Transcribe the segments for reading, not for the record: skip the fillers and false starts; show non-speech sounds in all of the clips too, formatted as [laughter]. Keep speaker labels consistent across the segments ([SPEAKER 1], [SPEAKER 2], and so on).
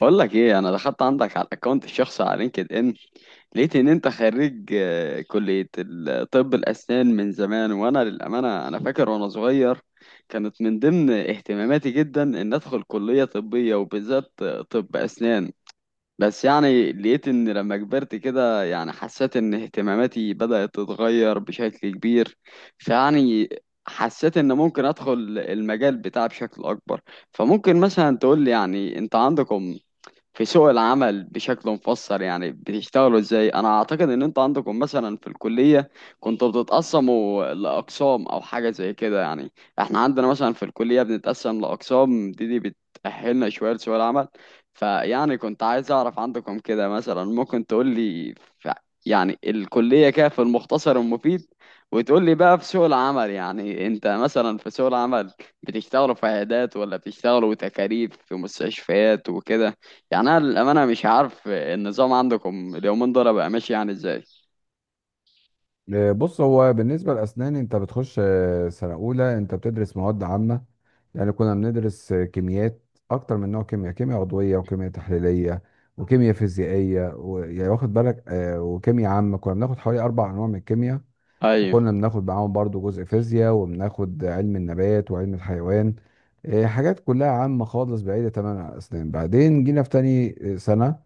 [SPEAKER 1] بقول لك ايه، انا دخلت عندك على الاكونت الشخصي على لينكد ان. لقيت ان انت خريج كلية طب الاسنان من زمان، وانا للامانة انا فاكر وانا صغير كانت من ضمن اهتماماتي جدا ان ادخل كلية طبية، وبالذات طب اسنان. بس يعني لقيت ان لما كبرت كده، يعني حسيت ان اهتماماتي بدأت تتغير بشكل كبير. فيعني حسيت ان ممكن ادخل المجال بتاعي بشكل اكبر. فممكن مثلا تقول لي، يعني انت عندكم في سوق العمل بشكل مفصل، يعني بتشتغلوا ازاي؟ انا اعتقد ان انتوا عندكم مثلا في الكلية كنتوا بتتقسموا لاقسام او حاجة زي كده. يعني احنا عندنا مثلا في الكلية بنتقسم لاقسام دي بتأهلنا شوية لسوق العمل. فيعني كنت عايز اعرف عندكم كده، مثلا ممكن تقول لي يعني الكلية كده في المختصر المفيد، وتقول لي بقى في سوق العمل. يعني انت مثلا في سوق العمل بتشتغلوا في عيادات، ولا بتشتغلوا تكاريف في مستشفيات وكده؟ يعني انا للامانه مش عارف النظام عندكم اليومين دول بقى ماشي يعني ازاي.
[SPEAKER 2] آه، بص. هو بالنسبة لأسنان أنت بتخش سنة أولى أنت بتدرس مواد عامة. يعني كنا بندرس كيميات أكتر من نوع، كيمياء كيمياء عضوية، وكيمياء تحليلية، وكيمياء فيزيائية، و... يعني واخد بالك، وكيمياء عامة. كنا بناخد حوالي أربع أنواع من الكيمياء،
[SPEAKER 1] ايوه.
[SPEAKER 2] وكنا بناخد معاهم برضو جزء فيزياء، وبناخد علم النبات وعلم الحيوان. حاجات كلها عامة خالص، بعيدة تماما عن الأسنان. بعدين جينا في تاني سنة،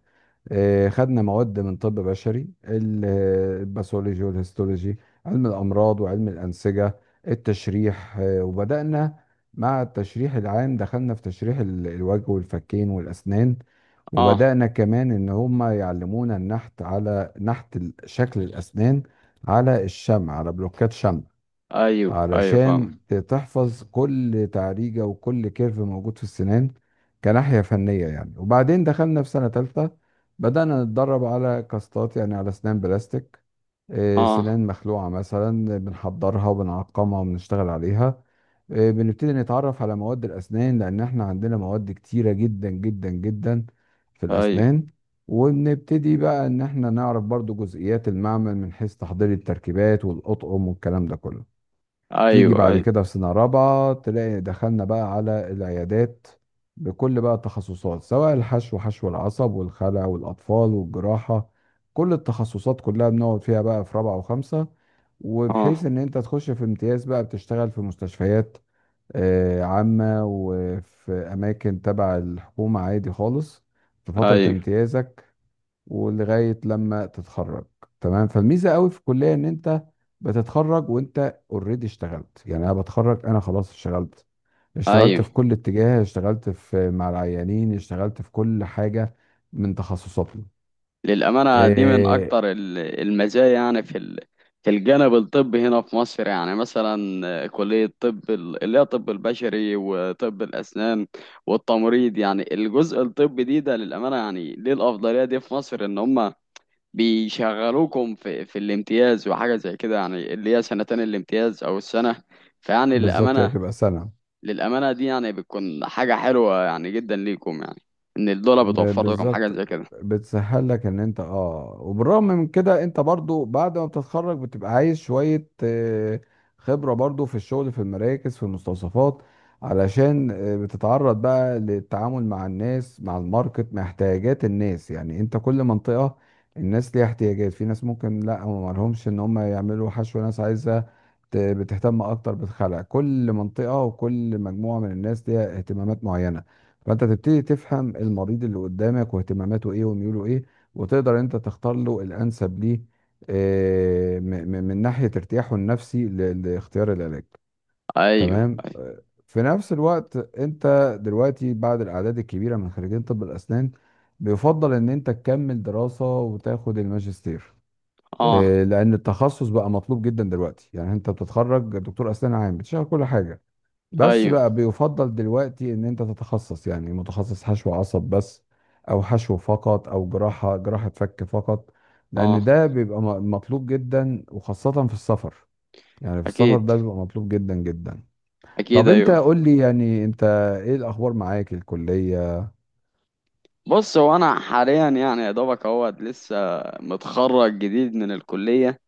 [SPEAKER 2] خدنا مواد من طب بشري، الباثولوجي والهيستولوجي، علم الأمراض وعلم الأنسجة، التشريح. وبدأنا مع التشريح العام، دخلنا في تشريح الوجه والفكين والأسنان.
[SPEAKER 1] اه.
[SPEAKER 2] وبدأنا كمان إن هم يعلمونا النحت، على نحت شكل الأسنان، على الشمع، على بلوكات شمع،
[SPEAKER 1] ايوه ايوه، فاهم.
[SPEAKER 2] علشان تحفظ كل تعريجة وكل كيرف موجود في السنان، كناحية فنية يعني. وبعدين دخلنا في سنة تالتة، بدأنا نتدرب على كاستات، يعني على أسنان بلاستيك.
[SPEAKER 1] اه.
[SPEAKER 2] سنان مخلوعة مثلا، بنحضرها وبنعقمها وبنشتغل عليها. بنبتدي نتعرف على مواد الأسنان، لأن احنا عندنا مواد كتيرة جدا جدا جدا في
[SPEAKER 1] ايوه
[SPEAKER 2] الأسنان. وبنبتدي بقى إن احنا نعرف برضو جزئيات المعمل، من حيث تحضير التركيبات والأطقم والكلام ده كله. تيجي
[SPEAKER 1] ايوه
[SPEAKER 2] بعد
[SPEAKER 1] ايوه.
[SPEAKER 2] كده في سنة رابعة، تلاقي دخلنا بقى على العيادات بكل بقى التخصصات، سواء الحشو، حشو العصب، والخلع، والأطفال، والجراحة. كل التخصصات كلها بنقعد فيها بقى في رابعة وخمسة، وبحيث
[SPEAKER 1] اه.
[SPEAKER 2] إن أنت تخش في امتياز بقى بتشتغل في مستشفيات عامة، وفي أماكن تبع الحكومة عادي خالص، في فترة
[SPEAKER 1] ايوه
[SPEAKER 2] امتيازك ولغايه لما تتخرج. تمام. فالميزه قوي في الكليه ان انت بتتخرج وانت اوريدي اشتغلت. يعني انا بتخرج انا خلاص اشتغلت، اشتغلت
[SPEAKER 1] ايوه.
[SPEAKER 2] في كل اتجاه، اشتغلت في مع العيانين، اشتغلت في كل حاجه من تخصصاتنا.
[SPEAKER 1] للامانه دي من
[SPEAKER 2] إيه؟
[SPEAKER 1] اكتر المزايا، يعني في في الجانب الطبي هنا في مصر. يعني مثلا كليه طب اللي هي طب البشري وطب الاسنان والتمريض، يعني الجزء الطبي دي ده للامانه، يعني ليه الافضليه دي في مصر؟ ان هم بيشغلوكم في الامتياز وحاجة زي كده، يعني اللي هي سنتين الامتياز أو السنة. فيعني
[SPEAKER 2] بالظبط، هي
[SPEAKER 1] للأمانة،
[SPEAKER 2] بتبقى سنه.
[SPEAKER 1] للأمانة دي يعني بتكون حاجة حلوة يعني جدا ليكم، يعني إن الدولة بتوفر لكم حاجة
[SPEAKER 2] بالظبط،
[SPEAKER 1] زي كده.
[SPEAKER 2] بتسهل لك ان انت وبالرغم من كده انت برضو بعد ما بتتخرج بتبقى عايز شوية خبرة برضو في الشغل، في المراكز، في المستوصفات، علشان بتتعرض بقى للتعامل مع الناس، مع الماركت، مع احتياجات الناس. يعني انت كل منطقة الناس ليها احتياجات، في ناس ممكن لا ما لهمش ان هم يعملوا حشو، ناس عايزة بتهتم اكتر بالخلع. كل منطقة وكل مجموعة من الناس ليها اهتمامات معينة، فانت تبتدي تفهم المريض اللي قدامك واهتماماته ايه وميوله ايه، وتقدر انت تختار له الانسب ليه، من ناحية ارتياحه النفسي لاختيار العلاج.
[SPEAKER 1] أيوه
[SPEAKER 2] تمام.
[SPEAKER 1] أيوه.
[SPEAKER 2] في نفس الوقت انت دلوقتي بعد الاعداد الكبيرة من خريجين طب الاسنان، بيفضل ان انت تكمل دراسة وتاخد الماجستير،
[SPEAKER 1] أه.
[SPEAKER 2] لان التخصص بقى مطلوب جدا دلوقتي. يعني انت بتتخرج دكتور اسنان عام بتشتغل كل حاجة، بس
[SPEAKER 1] أيوه.
[SPEAKER 2] بقى بيفضل دلوقتي ان انت تتخصص. يعني متخصص حشو عصب بس، او حشو فقط، او جراحة، جراحة فك فقط، لان
[SPEAKER 1] أه.
[SPEAKER 2] ده بيبقى مطلوب جدا، وخاصة في السفر. يعني في السفر
[SPEAKER 1] أكيد.
[SPEAKER 2] ده بيبقى مطلوب جدا جدا.
[SPEAKER 1] أكيد
[SPEAKER 2] طب انت
[SPEAKER 1] أيوه.
[SPEAKER 2] قول لي يعني انت ايه الاخبار معاك الكلية؟
[SPEAKER 1] بص، هو أنا حاليا يعني يا دوبك أهوت لسه، متخرج جديد من الكلية.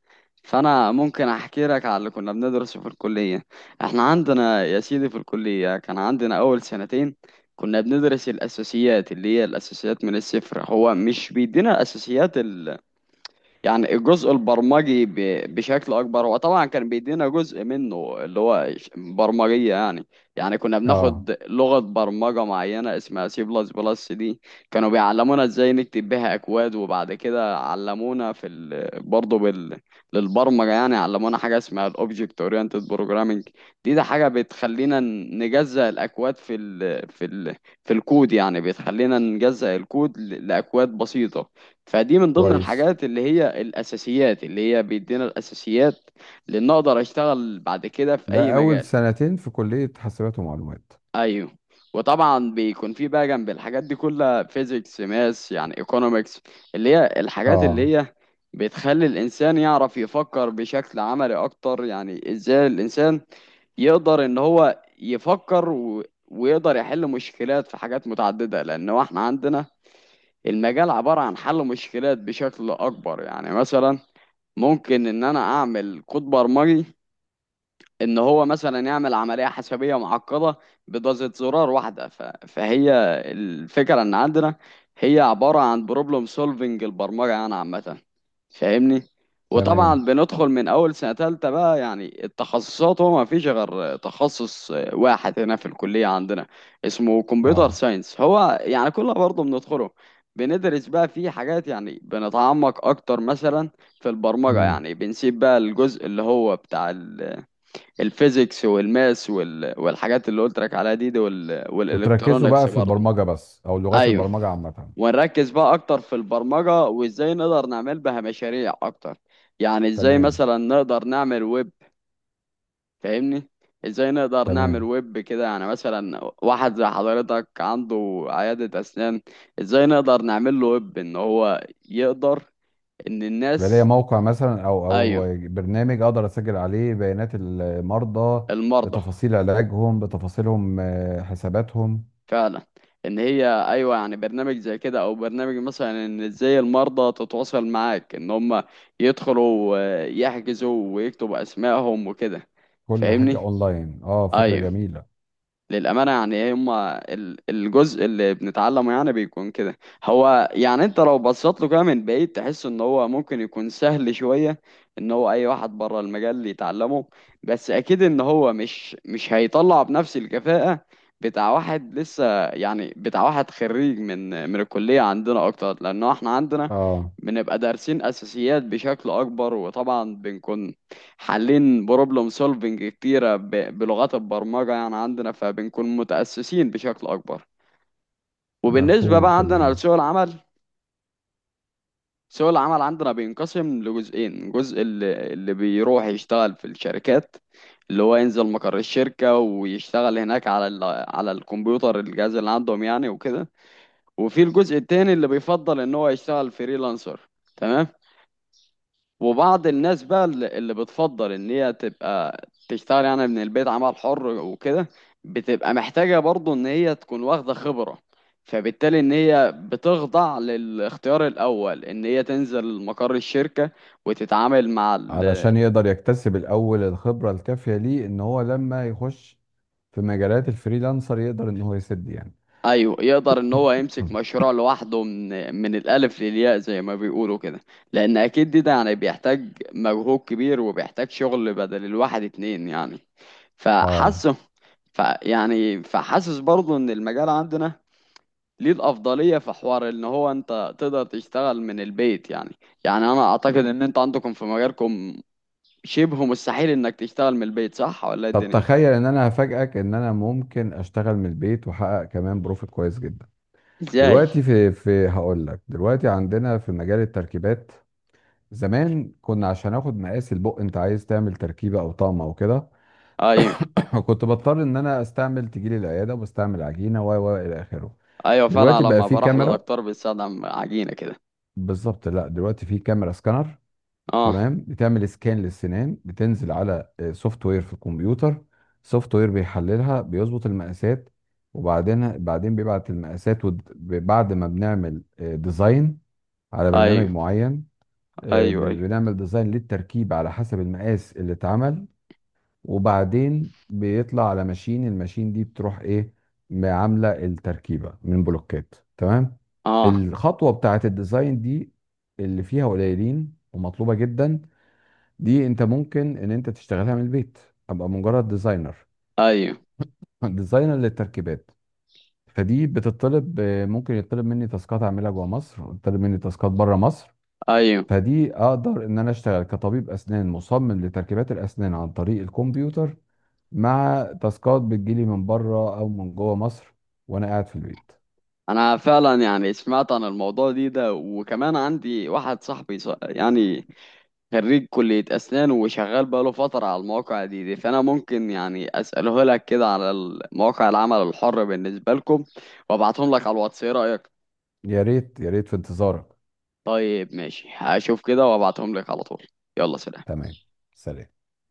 [SPEAKER 1] فانا ممكن احكي لك على اللي كنا بندرسه في الكليه. احنا عندنا يا سيدي في الكليه كان عندنا اول سنتين كنا بندرس الاساسيات، اللي هي الاساسيات من الصفر. هو مش بيدينا الاساسيات، يعني الجزء البرمجي بشكل اكبر. هو طبعا كان بيدينا جزء منه اللي هو برمجيه يعني. يعني كنا
[SPEAKER 2] اه،
[SPEAKER 1] بناخد لغه برمجه معينه اسمها سي بلس بلس دي. كانوا بيعلمونا ازاي نكتب بيها اكواد، وبعد كده علمونا في برضه للبرمجه. يعني علمونا حاجه اسمها الاوبجكت اورينتد بروجرامنج. دي ده حاجه بتخلينا نجزأ الاكواد في في في الكود، يعني بتخلينا نجزأ الكود لاكواد بسيطه. فدي من ضمن
[SPEAKER 2] كويس.
[SPEAKER 1] الحاجات اللي هي الأساسيات، اللي هي بيدينا الأساسيات لأن أقدر أشتغل بعد كده في أي
[SPEAKER 2] ده اول
[SPEAKER 1] مجال.
[SPEAKER 2] سنتين في كلية حاسبات ومعلومات.
[SPEAKER 1] أيوه. وطبعا بيكون في بقى جنب الحاجات دي كلها فيزيكس، ماس يعني ايكونومكس، اللي هي الحاجات
[SPEAKER 2] اه،
[SPEAKER 1] اللي هي بتخلي الإنسان يعرف يفكر بشكل عملي أكتر. يعني إزاي الإنسان يقدر إن هو يفكر ويقدر يحل مشكلات في حاجات متعددة، لأن هو إحنا عندنا المجال عبارة عن حل مشكلات بشكل أكبر. يعني مثلا ممكن ان انا اعمل كود برمجي ان هو مثلا يعمل عمليه حسابيه معقده بدوسة زرار واحده، فهي الفكره ان عندنا هي عباره عن بروبلم سولفنج البرمجه يعني عامه، فاهمني.
[SPEAKER 2] تمام.
[SPEAKER 1] وطبعا بندخل من اول سنه تالتة بقى يعني التخصصات. هو ما فيش غير تخصص واحد هنا في الكليه عندنا، اسمه كمبيوتر
[SPEAKER 2] اه.
[SPEAKER 1] ساينس. هو يعني كله برضه بندخله. بندرس بقى فيه حاجات، يعني بنتعمق اكتر مثلا في البرمجه،
[SPEAKER 2] امم.
[SPEAKER 1] يعني بنسيب بقى الجزء اللي هو بتاع الفيزيكس والماس والحاجات اللي قلت لك عليها دي
[SPEAKER 2] وتركزوا بقى
[SPEAKER 1] والالكترونكس
[SPEAKER 2] في
[SPEAKER 1] برضه.
[SPEAKER 2] البرمجة بس او لغات
[SPEAKER 1] ايوه.
[SPEAKER 2] البرمجة عامة؟
[SPEAKER 1] ونركز بقى اكتر في البرمجه، وازاي نقدر نعمل بها مشاريع اكتر. يعني ازاي
[SPEAKER 2] تمام.
[SPEAKER 1] مثلا نقدر نعمل ويب، فاهمني؟ ازاي نقدر نعمل
[SPEAKER 2] تمام،
[SPEAKER 1] ويب، كده يعني مثلا واحد زي حضرتك عنده عياده اسنان، ازاي نقدر نعمل له ويب ان هو يقدر، ان
[SPEAKER 2] يبقى ليا
[SPEAKER 1] الناس.
[SPEAKER 2] موقع مثلا، او
[SPEAKER 1] ايوه،
[SPEAKER 2] او برنامج اقدر اسجل عليه بيانات المرضى،
[SPEAKER 1] المرضى.
[SPEAKER 2] بتفاصيل علاجهم، بتفاصيلهم، حساباتهم،
[SPEAKER 1] فعلا. ان هي، ايوه، يعني برنامج زي كده، او برنامج مثلا ان ازاي المرضى تتواصل معاك، ان هم يدخلوا يحجزوا ويكتبوا اسمائهم وكده،
[SPEAKER 2] كل حاجة
[SPEAKER 1] فاهمني.
[SPEAKER 2] اونلاين. اه، فكرة
[SPEAKER 1] ايوه.
[SPEAKER 2] جميلة.
[SPEAKER 1] للأمانة يعني ايه هما الجزء اللي بنتعلمه يعني بيكون كده. هو يعني انت لو بصيت له كده من بعيد تحس ان هو ممكن يكون سهل شوية، ان هو اي واحد بره المجال يتعلمه. بس اكيد ان هو مش هيطلع بنفس الكفاءة بتاع واحد لسه، يعني بتاع واحد خريج من الكلية عندنا اكتر، لانه احنا عندنا
[SPEAKER 2] اه،
[SPEAKER 1] بنبقى دارسين اساسيات بشكل اكبر. وطبعا بنكون حالين بروبلم سولفنج كتيرة بلغات البرمجة يعني عندنا، فبنكون متأسسين بشكل أكبر. وبالنسبة
[SPEAKER 2] مفهوم،
[SPEAKER 1] بقى عندنا
[SPEAKER 2] تمام.
[SPEAKER 1] لسوق العمل، سوق العمل عندنا بينقسم لجزئين: جزء اللي بيروح يشتغل في الشركات، اللي هو ينزل مقر الشركة ويشتغل هناك على الكمبيوتر، الجهاز اللي عندهم يعني وكده. وفي الجزء التاني اللي بيفضل إن هو يشتغل فريلانسر. تمام. وبعض الناس بقى اللي بتفضل ان هي تبقى تشتغل يعني من البيت، عمل حر وكده. بتبقى محتاجة برضو ان هي تكون واخدة خبرة. فبالتالي ان هي بتخضع للاختيار الاول، ان هي تنزل مقر الشركة وتتعامل مع
[SPEAKER 2] علشان يقدر يكتسب الاول الخبرة الكافية ليه، ان هو لما يخش في مجالات الفريلانسر يقدر ان هو يسد يعني.
[SPEAKER 1] ايوه. يقدر ان هو يمسك
[SPEAKER 2] مم.
[SPEAKER 1] مشروع لوحده من الالف للياء زي ما بيقولوا كده. لان اكيد دي ده يعني بيحتاج مجهود كبير، وبيحتاج شغل بدل الواحد اتنين يعني.
[SPEAKER 2] اه.
[SPEAKER 1] فحاسه ف يعني فحاسس برضه ان المجال عندنا ليه الافضليه في حوار، ان هو انت تقدر تشتغل من البيت يعني. يعني انا اعتقد ان انت عندكم في مجالكم شبه مستحيل انك تشتغل من البيت، صح ولا إيه
[SPEAKER 2] طب
[SPEAKER 1] الدنيا؟
[SPEAKER 2] تخيل ان انا هفاجئك ان انا ممكن اشتغل من البيت واحقق كمان بروفيت كويس جدا.
[SPEAKER 1] ازاي؟
[SPEAKER 2] دلوقتي في في هقول لك، دلوقتي عندنا في مجال التركيبات. زمان كنا، عشان اخد مقاس البق انت عايز تعمل تركيبه او طقم او كده،
[SPEAKER 1] ايوه
[SPEAKER 2] [coughs] كنت بضطر ان انا استعمل، تجيلي العياده وبستعمل عجينه و الى اخره.
[SPEAKER 1] ايوه، فعلا
[SPEAKER 2] دلوقتي بقى
[SPEAKER 1] لما
[SPEAKER 2] في
[SPEAKER 1] بروح
[SPEAKER 2] كاميرا.
[SPEAKER 1] لدكتور بيستخدم عجينه كده.
[SPEAKER 2] بالظبط، لا دلوقتي في كاميرا سكانر.
[SPEAKER 1] اه.
[SPEAKER 2] تمام، بتعمل سكان للسنان، بتنزل على سوفت وير في الكمبيوتر. سوفت وير بيحللها، بيظبط المقاسات، وبعدين بيبعت المقاسات، بعد ما بنعمل ديزاين على برنامج
[SPEAKER 1] ايوه
[SPEAKER 2] معين.
[SPEAKER 1] ايوه ايوه.
[SPEAKER 2] بنعمل ديزاين للتركيب على حسب المقاس اللي اتعمل، وبعدين بيطلع على ماشين. الماشين دي بتروح ايه، عامله التركيبه من بلوكات. تمام.
[SPEAKER 1] اه.
[SPEAKER 2] الخطوه بتاعه الديزاين دي اللي فيها قليلين ومطلوبه جدا، دي انت ممكن ان انت تشتغلها من البيت، ابقى مجرد ديزاينر.
[SPEAKER 1] ايوه
[SPEAKER 2] [laughs] ديزاينر للتركيبات. فدي بتطلب ممكن يطلب مني تاسكات اعملها جوه مصر، ويطلب مني تاسكات بره مصر.
[SPEAKER 1] ايوه.
[SPEAKER 2] فدي اقدر ان انا اشتغل كطبيب اسنان مصمم لتركيبات الاسنان عن طريق الكمبيوتر، مع تاسكات بتجيلي من بره او من جوه مصر، وانا قاعد في البيت.
[SPEAKER 1] انا فعلا يعني سمعت عن الموضوع دي ده، وكمان عندي واحد صاحبي يعني خريج كلية اسنان وشغال بقاله فترة على المواقع دي. فانا ممكن يعني اساله لك كده على مواقع العمل الحر بالنسبة لكم، وابعتهم لك على الواتس. ايه رأيك؟
[SPEAKER 2] يا ريت يا ريت، في انتظارك.
[SPEAKER 1] طيب، ماشي، هشوف كده وابعتهم لك على طول. يلا، سلام.
[SPEAKER 2] تمام، سلام.